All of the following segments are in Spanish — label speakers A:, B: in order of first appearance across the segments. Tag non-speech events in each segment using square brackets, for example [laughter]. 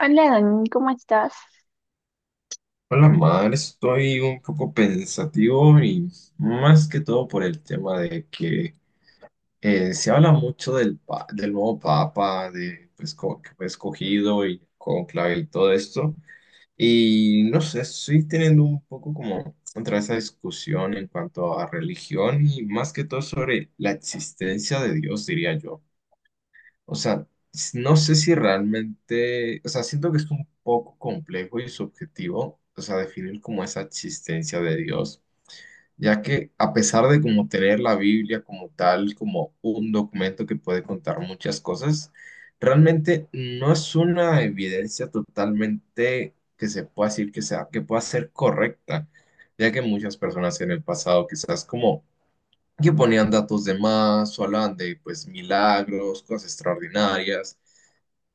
A: Hola, Dani, ¿cómo estás?
B: Hola, Mar, estoy un poco pensativo y más que todo por el tema de que se habla mucho del nuevo papa, de pues, como que fue escogido y conclave y todo esto. Y no sé, estoy teniendo un poco como otra esa discusión en cuanto a religión y más que todo sobre la existencia de Dios, diría yo. O sea, no sé si realmente, o sea, siento que es un poco complejo y subjetivo, o sea, definir como esa existencia de Dios, ya que a pesar de como tener la Biblia como tal, como un documento que puede contar muchas cosas, realmente no es una evidencia totalmente que se pueda decir que sea, que pueda ser correcta, ya que muchas personas en el pasado quizás como que ponían datos de más o hablaban de pues milagros, cosas extraordinarias.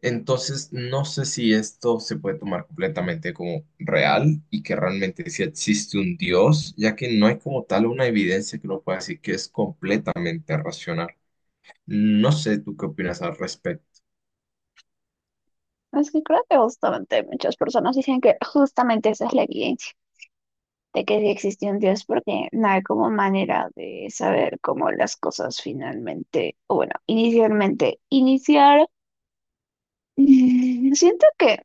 B: Entonces, no sé si esto se puede tomar completamente como real y que realmente sí existe un Dios, ya que no hay como tal una evidencia que uno pueda decir que es completamente racional. No sé, ¿tú qué opinas al respecto?
A: Es que creo que justamente muchas personas dicen que justamente esa es la evidencia de que sí existe un Dios, porque no hay como manera de saber cómo las cosas finalmente, o bueno, inicialmente, iniciar. [laughs] Siento que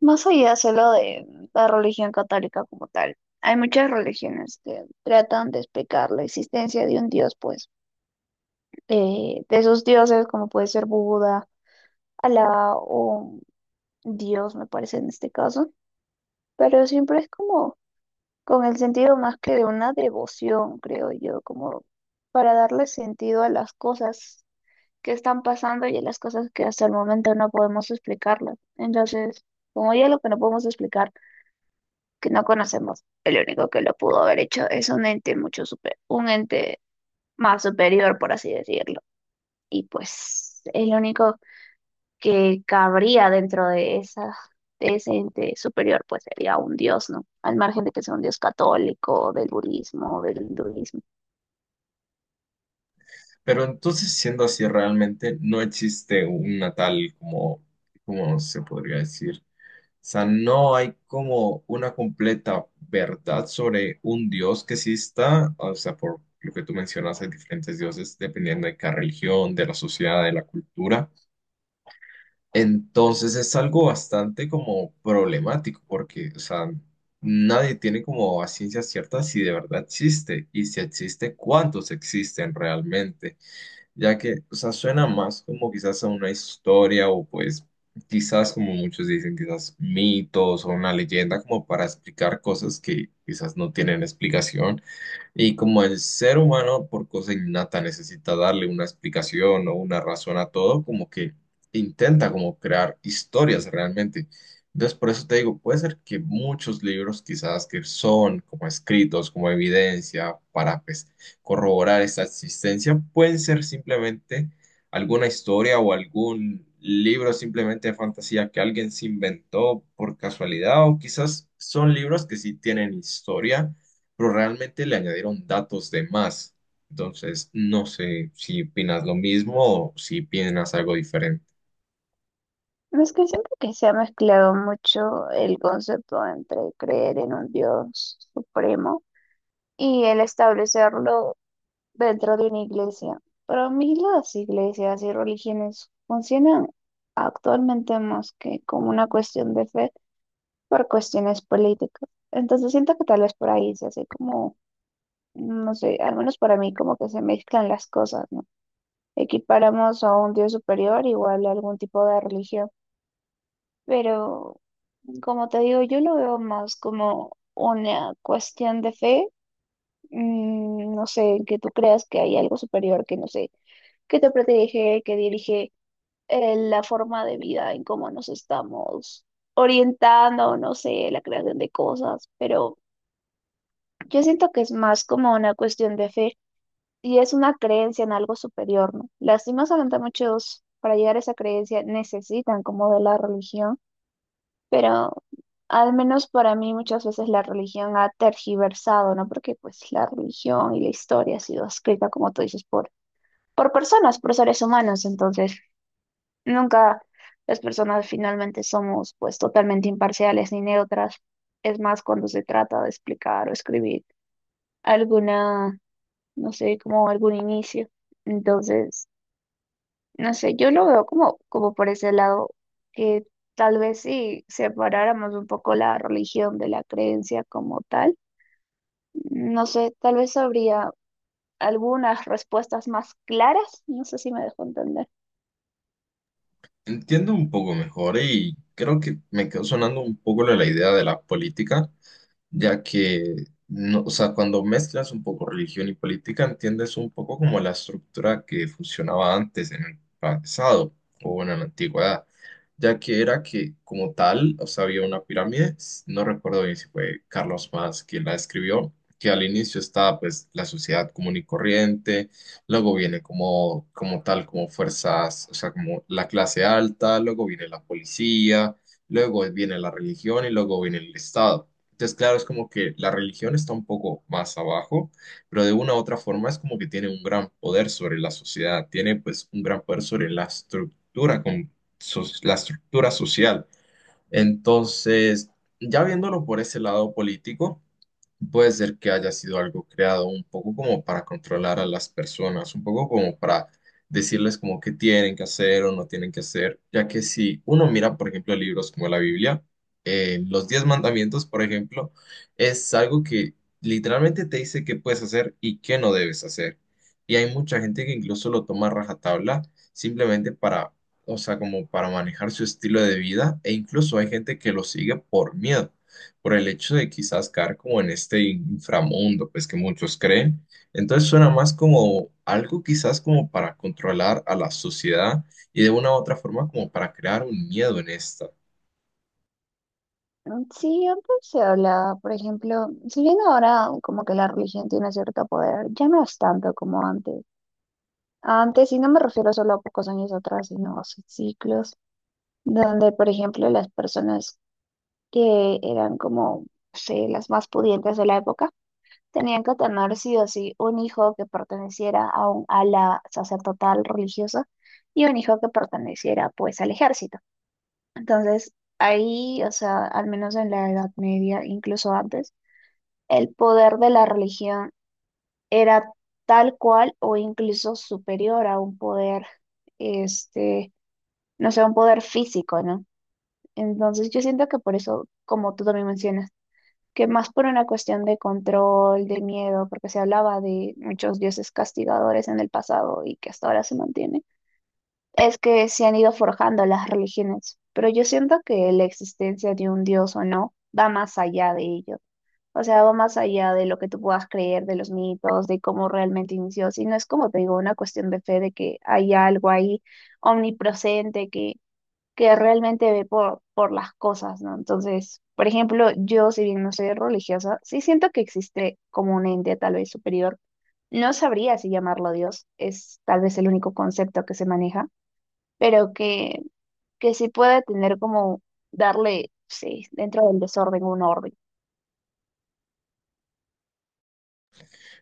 A: más allá solo de la religión católica como tal, hay muchas religiones que tratan de explicar la existencia de un Dios, pues, de esos dioses como puede ser Buda, Alá o Dios, me parece en este caso, pero siempre es como con el sentido más que de una devoción, creo yo, como para darle sentido a las cosas que están pasando y a las cosas que hasta el momento no podemos explicarlas. Entonces, como ya lo que no podemos explicar, que no conocemos, el único que lo pudo haber hecho es un ente mucho super, un ente más superior, por así decirlo. Y pues el único que cabría dentro de esa, de ese ente superior, pues sería un dios, ¿no? Al margen de que sea un dios católico, del budismo, del hinduismo.
B: Pero entonces, siendo así, realmente no existe una tal como, ¿cómo se podría decir? O sea, no hay como una completa verdad sobre un dios que exista, o sea, por lo que tú mencionas, hay diferentes dioses dependiendo de cada religión, de la sociedad, de la cultura. Entonces es algo bastante como problemático porque, o sea, nadie tiene como a ciencia cierta si de verdad existe y si existe, cuántos existen realmente, ya que, o sea, suena más como quizás a una historia o pues quizás como muchos dicen, quizás mitos o una leyenda como para explicar cosas que quizás no tienen explicación. Y como el ser humano, por cosa innata, necesita darle una explicación o una razón a todo, como que intenta como crear historias realmente. Entonces, por eso te digo, puede ser que muchos libros quizás que son como escritos, como evidencia para pues, corroborar esta existencia, pueden ser simplemente alguna historia o algún libro simplemente de fantasía que alguien se inventó por casualidad, o quizás son libros que sí tienen historia pero realmente le añadieron datos de más. Entonces, no sé si opinas lo mismo o si opinas algo diferente.
A: No es que siempre que se ha mezclado mucho el concepto entre creer en un dios supremo y el establecerlo dentro de una iglesia. Para mí las iglesias y religiones funcionan actualmente más que como una cuestión de fe por cuestiones políticas. Entonces siento que tal vez por ahí se hace como no sé, al menos para mí como que se mezclan las cosas, ¿no? Equiparamos a un Dios superior igual a algún tipo de religión, pero como te digo, yo lo veo más como una cuestión de fe, no sé, que tú creas que hay algo superior, que no sé, que te protege, que dirige la forma de vida en cómo nos estamos orientando, no sé, la creación de cosas, pero yo siento que es más como una cuestión de fe y es una creencia en algo superior, ¿no? Lastimosamente muchos para llegar a esa creencia necesitan como de la religión, pero al menos para mí muchas veces la religión ha tergiversado, ¿no? Porque pues la religión y la historia ha sido escrita, como tú dices, por personas, por seres humanos, entonces nunca las personas finalmente somos pues totalmente imparciales ni neutras. Es más cuando se trata de explicar o escribir alguna, no sé, como algún inicio. Entonces, no sé, yo lo veo como por ese lado, que tal vez si separáramos un poco la religión de la creencia como tal, no sé, tal vez habría algunas respuestas más claras, no sé si me dejo entender.
B: Entiendo un poco mejor y creo que me quedó sonando un poco la idea de la política, ya que, no, o sea, cuando mezclas un poco religión y política, entiendes un poco como la estructura que funcionaba antes en el pasado o bueno, en la antigüedad, ya que era que como tal, o sea, había una pirámide, no recuerdo bien si fue Carlos Más quien la escribió, que al inicio estaba pues la sociedad común y corriente, luego viene como, como tal, como fuerzas, o sea, como la clase alta, luego viene la policía, luego viene la religión y luego viene el Estado. Entonces, claro, es como que la religión está un poco más abajo, pero de una u otra forma es como que tiene un gran poder sobre la sociedad, tiene pues un gran poder sobre la estructura, con la estructura social. Entonces, ya viéndolo por ese lado político, puede ser que haya sido algo creado un poco como para controlar a las personas, un poco como para decirles como qué tienen que hacer o no tienen que hacer, ya que si uno mira, por ejemplo, libros como la Biblia, los 10 mandamientos, por ejemplo, es algo que literalmente te dice qué puedes hacer y qué no debes hacer. Y hay mucha gente que incluso lo toma a rajatabla simplemente para, o sea, como para manejar su estilo de vida, e incluso hay gente que lo sigue por miedo por el hecho de quizás caer como en este inframundo, pues que muchos creen. Entonces suena más como algo quizás como para controlar a la sociedad y de una u otra forma como para crear un miedo en esta.
A: Mm. Sí, antes se hablaba, por ejemplo, si bien ahora como que la religión tiene cierto poder, ya no es tanto como antes. Antes, y no me refiero solo a pocos años atrás, sino a ciclos, donde, por ejemplo, las personas que eran como, no sé, las más pudientes de la época, tenían que tener sí o sí un hijo que perteneciera a un ala sacerdotal religiosa y un hijo que perteneciera pues al ejército. Entonces, ahí, o sea, al menos en la Edad Media, incluso antes, el poder de la religión era tal cual o incluso superior a un poder, este, no sé, un poder físico, ¿no? Entonces, yo siento que por eso, como tú también mencionas, que más por una cuestión de control, de miedo, porque se hablaba de muchos dioses castigadores en el pasado y que hasta ahora se mantiene, es que se han ido forjando las religiones. Pero yo siento que la existencia de un dios o no va más allá de ello. O sea, va más allá de lo que tú puedas creer, de los mitos, de cómo realmente inició, sino es como te digo, una cuestión de fe de que hay algo ahí omnipresente que realmente ve por las cosas, ¿no? Entonces, por ejemplo, yo, si bien no soy religiosa, sí siento que existe como un ente tal vez superior. No sabría si llamarlo Dios, es tal vez el único concepto que se maneja, pero que sí puede tener como darle, sí, dentro del desorden un orden.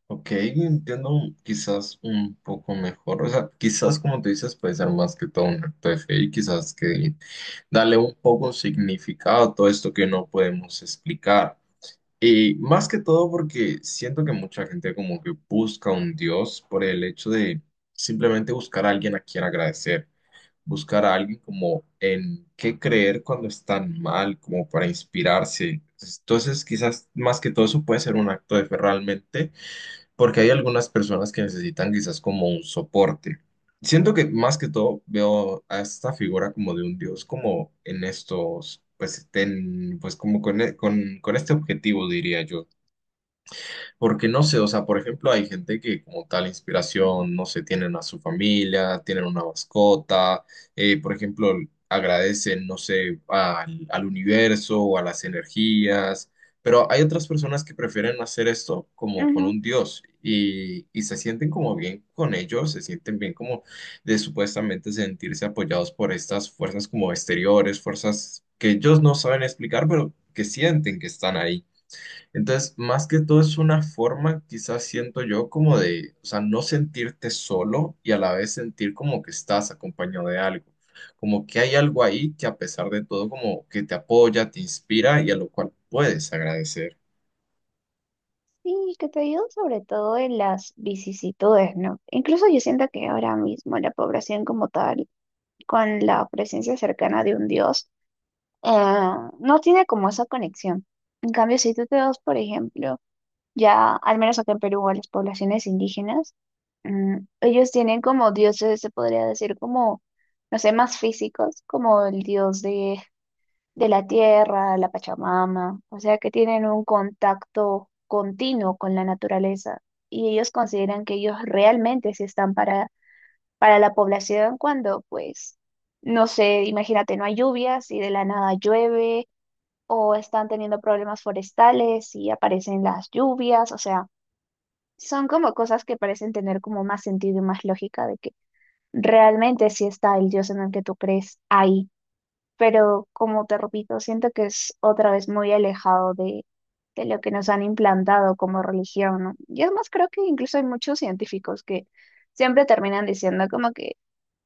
B: Ok, entiendo quizás un poco mejor, o sea, quizás como tú dices puede ser más que todo un acto de fe y quizás que darle un poco significado a todo esto que no podemos explicar. Y más que todo porque siento que mucha gente como que busca un Dios por el hecho de simplemente buscar a alguien a quien agradecer, buscar a alguien como en qué creer cuando están mal, como para inspirarse. Entonces, quizás más que todo eso puede ser un acto de fe realmente, porque hay algunas personas que necesitan quizás como un soporte. Siento que más que todo veo a esta figura como de un dios, como en estos, pues, pues como con este objetivo, diría yo. Porque no sé, o sea, por ejemplo, hay gente que como tal inspiración, no sé, tienen a su familia, tienen una mascota, por ejemplo, agradecen, no sé, al universo o a las energías, pero hay otras personas que prefieren hacer esto como con
A: Ujú.
B: un dios y se sienten como bien con ellos, se sienten bien como de supuestamente sentirse apoyados por estas fuerzas como exteriores, fuerzas que ellos no saben explicar, pero que sienten que están ahí. Entonces, más que todo es una forma, quizás siento yo, como de, o sea, no sentirte solo y a la vez sentir como que estás acompañado de algo, como que hay algo ahí que a pesar de todo como que te apoya, te inspira y a lo cual puedes agradecer.
A: Sí, que te ayuda sobre todo en las vicisitudes, ¿no? Incluso yo siento que ahora mismo la población como tal, con la presencia cercana de un Dios, eh, no tiene como esa conexión. En cambio, si tú te vas, por ejemplo, ya, al menos acá en Perú, a las poblaciones indígenas, ellos tienen como dioses, se podría decir, como, no sé, más físicos, como el dios de la tierra, la Pachamama, o sea, que tienen un contacto continuo con la naturaleza y ellos consideran que ellos realmente sí están para la población cuando, pues, no sé, imagínate, no hay lluvias y de la nada llueve o están teniendo problemas forestales y aparecen las lluvias, o sea, son como cosas que parecen tener como más sentido y más lógica de que realmente sí está el dios en el que tú crees ahí, pero como te repito, siento que es otra vez muy alejado de lo que nos han implantado como religión, ¿no? Y es más, creo que incluso hay muchos científicos que siempre terminan diciendo como que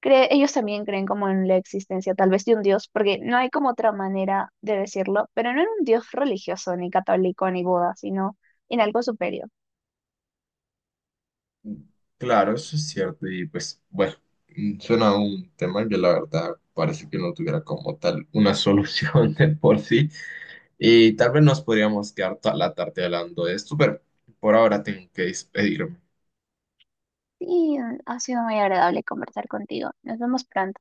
A: ellos también creen como en la existencia tal vez de un Dios, porque no hay como otra manera de decirlo, pero no en un Dios religioso, ni católico, ni Buda, sino en algo superior.
B: Claro, eso es cierto y pues bueno, suena a un tema que la verdad parece que no tuviera como tal una solución [laughs] de por sí y tal vez nos podríamos quedar toda la tarde hablando de esto, pero por ahora tengo que despedirme.
A: Y ha sido muy agradable conversar contigo. Nos vemos pronto.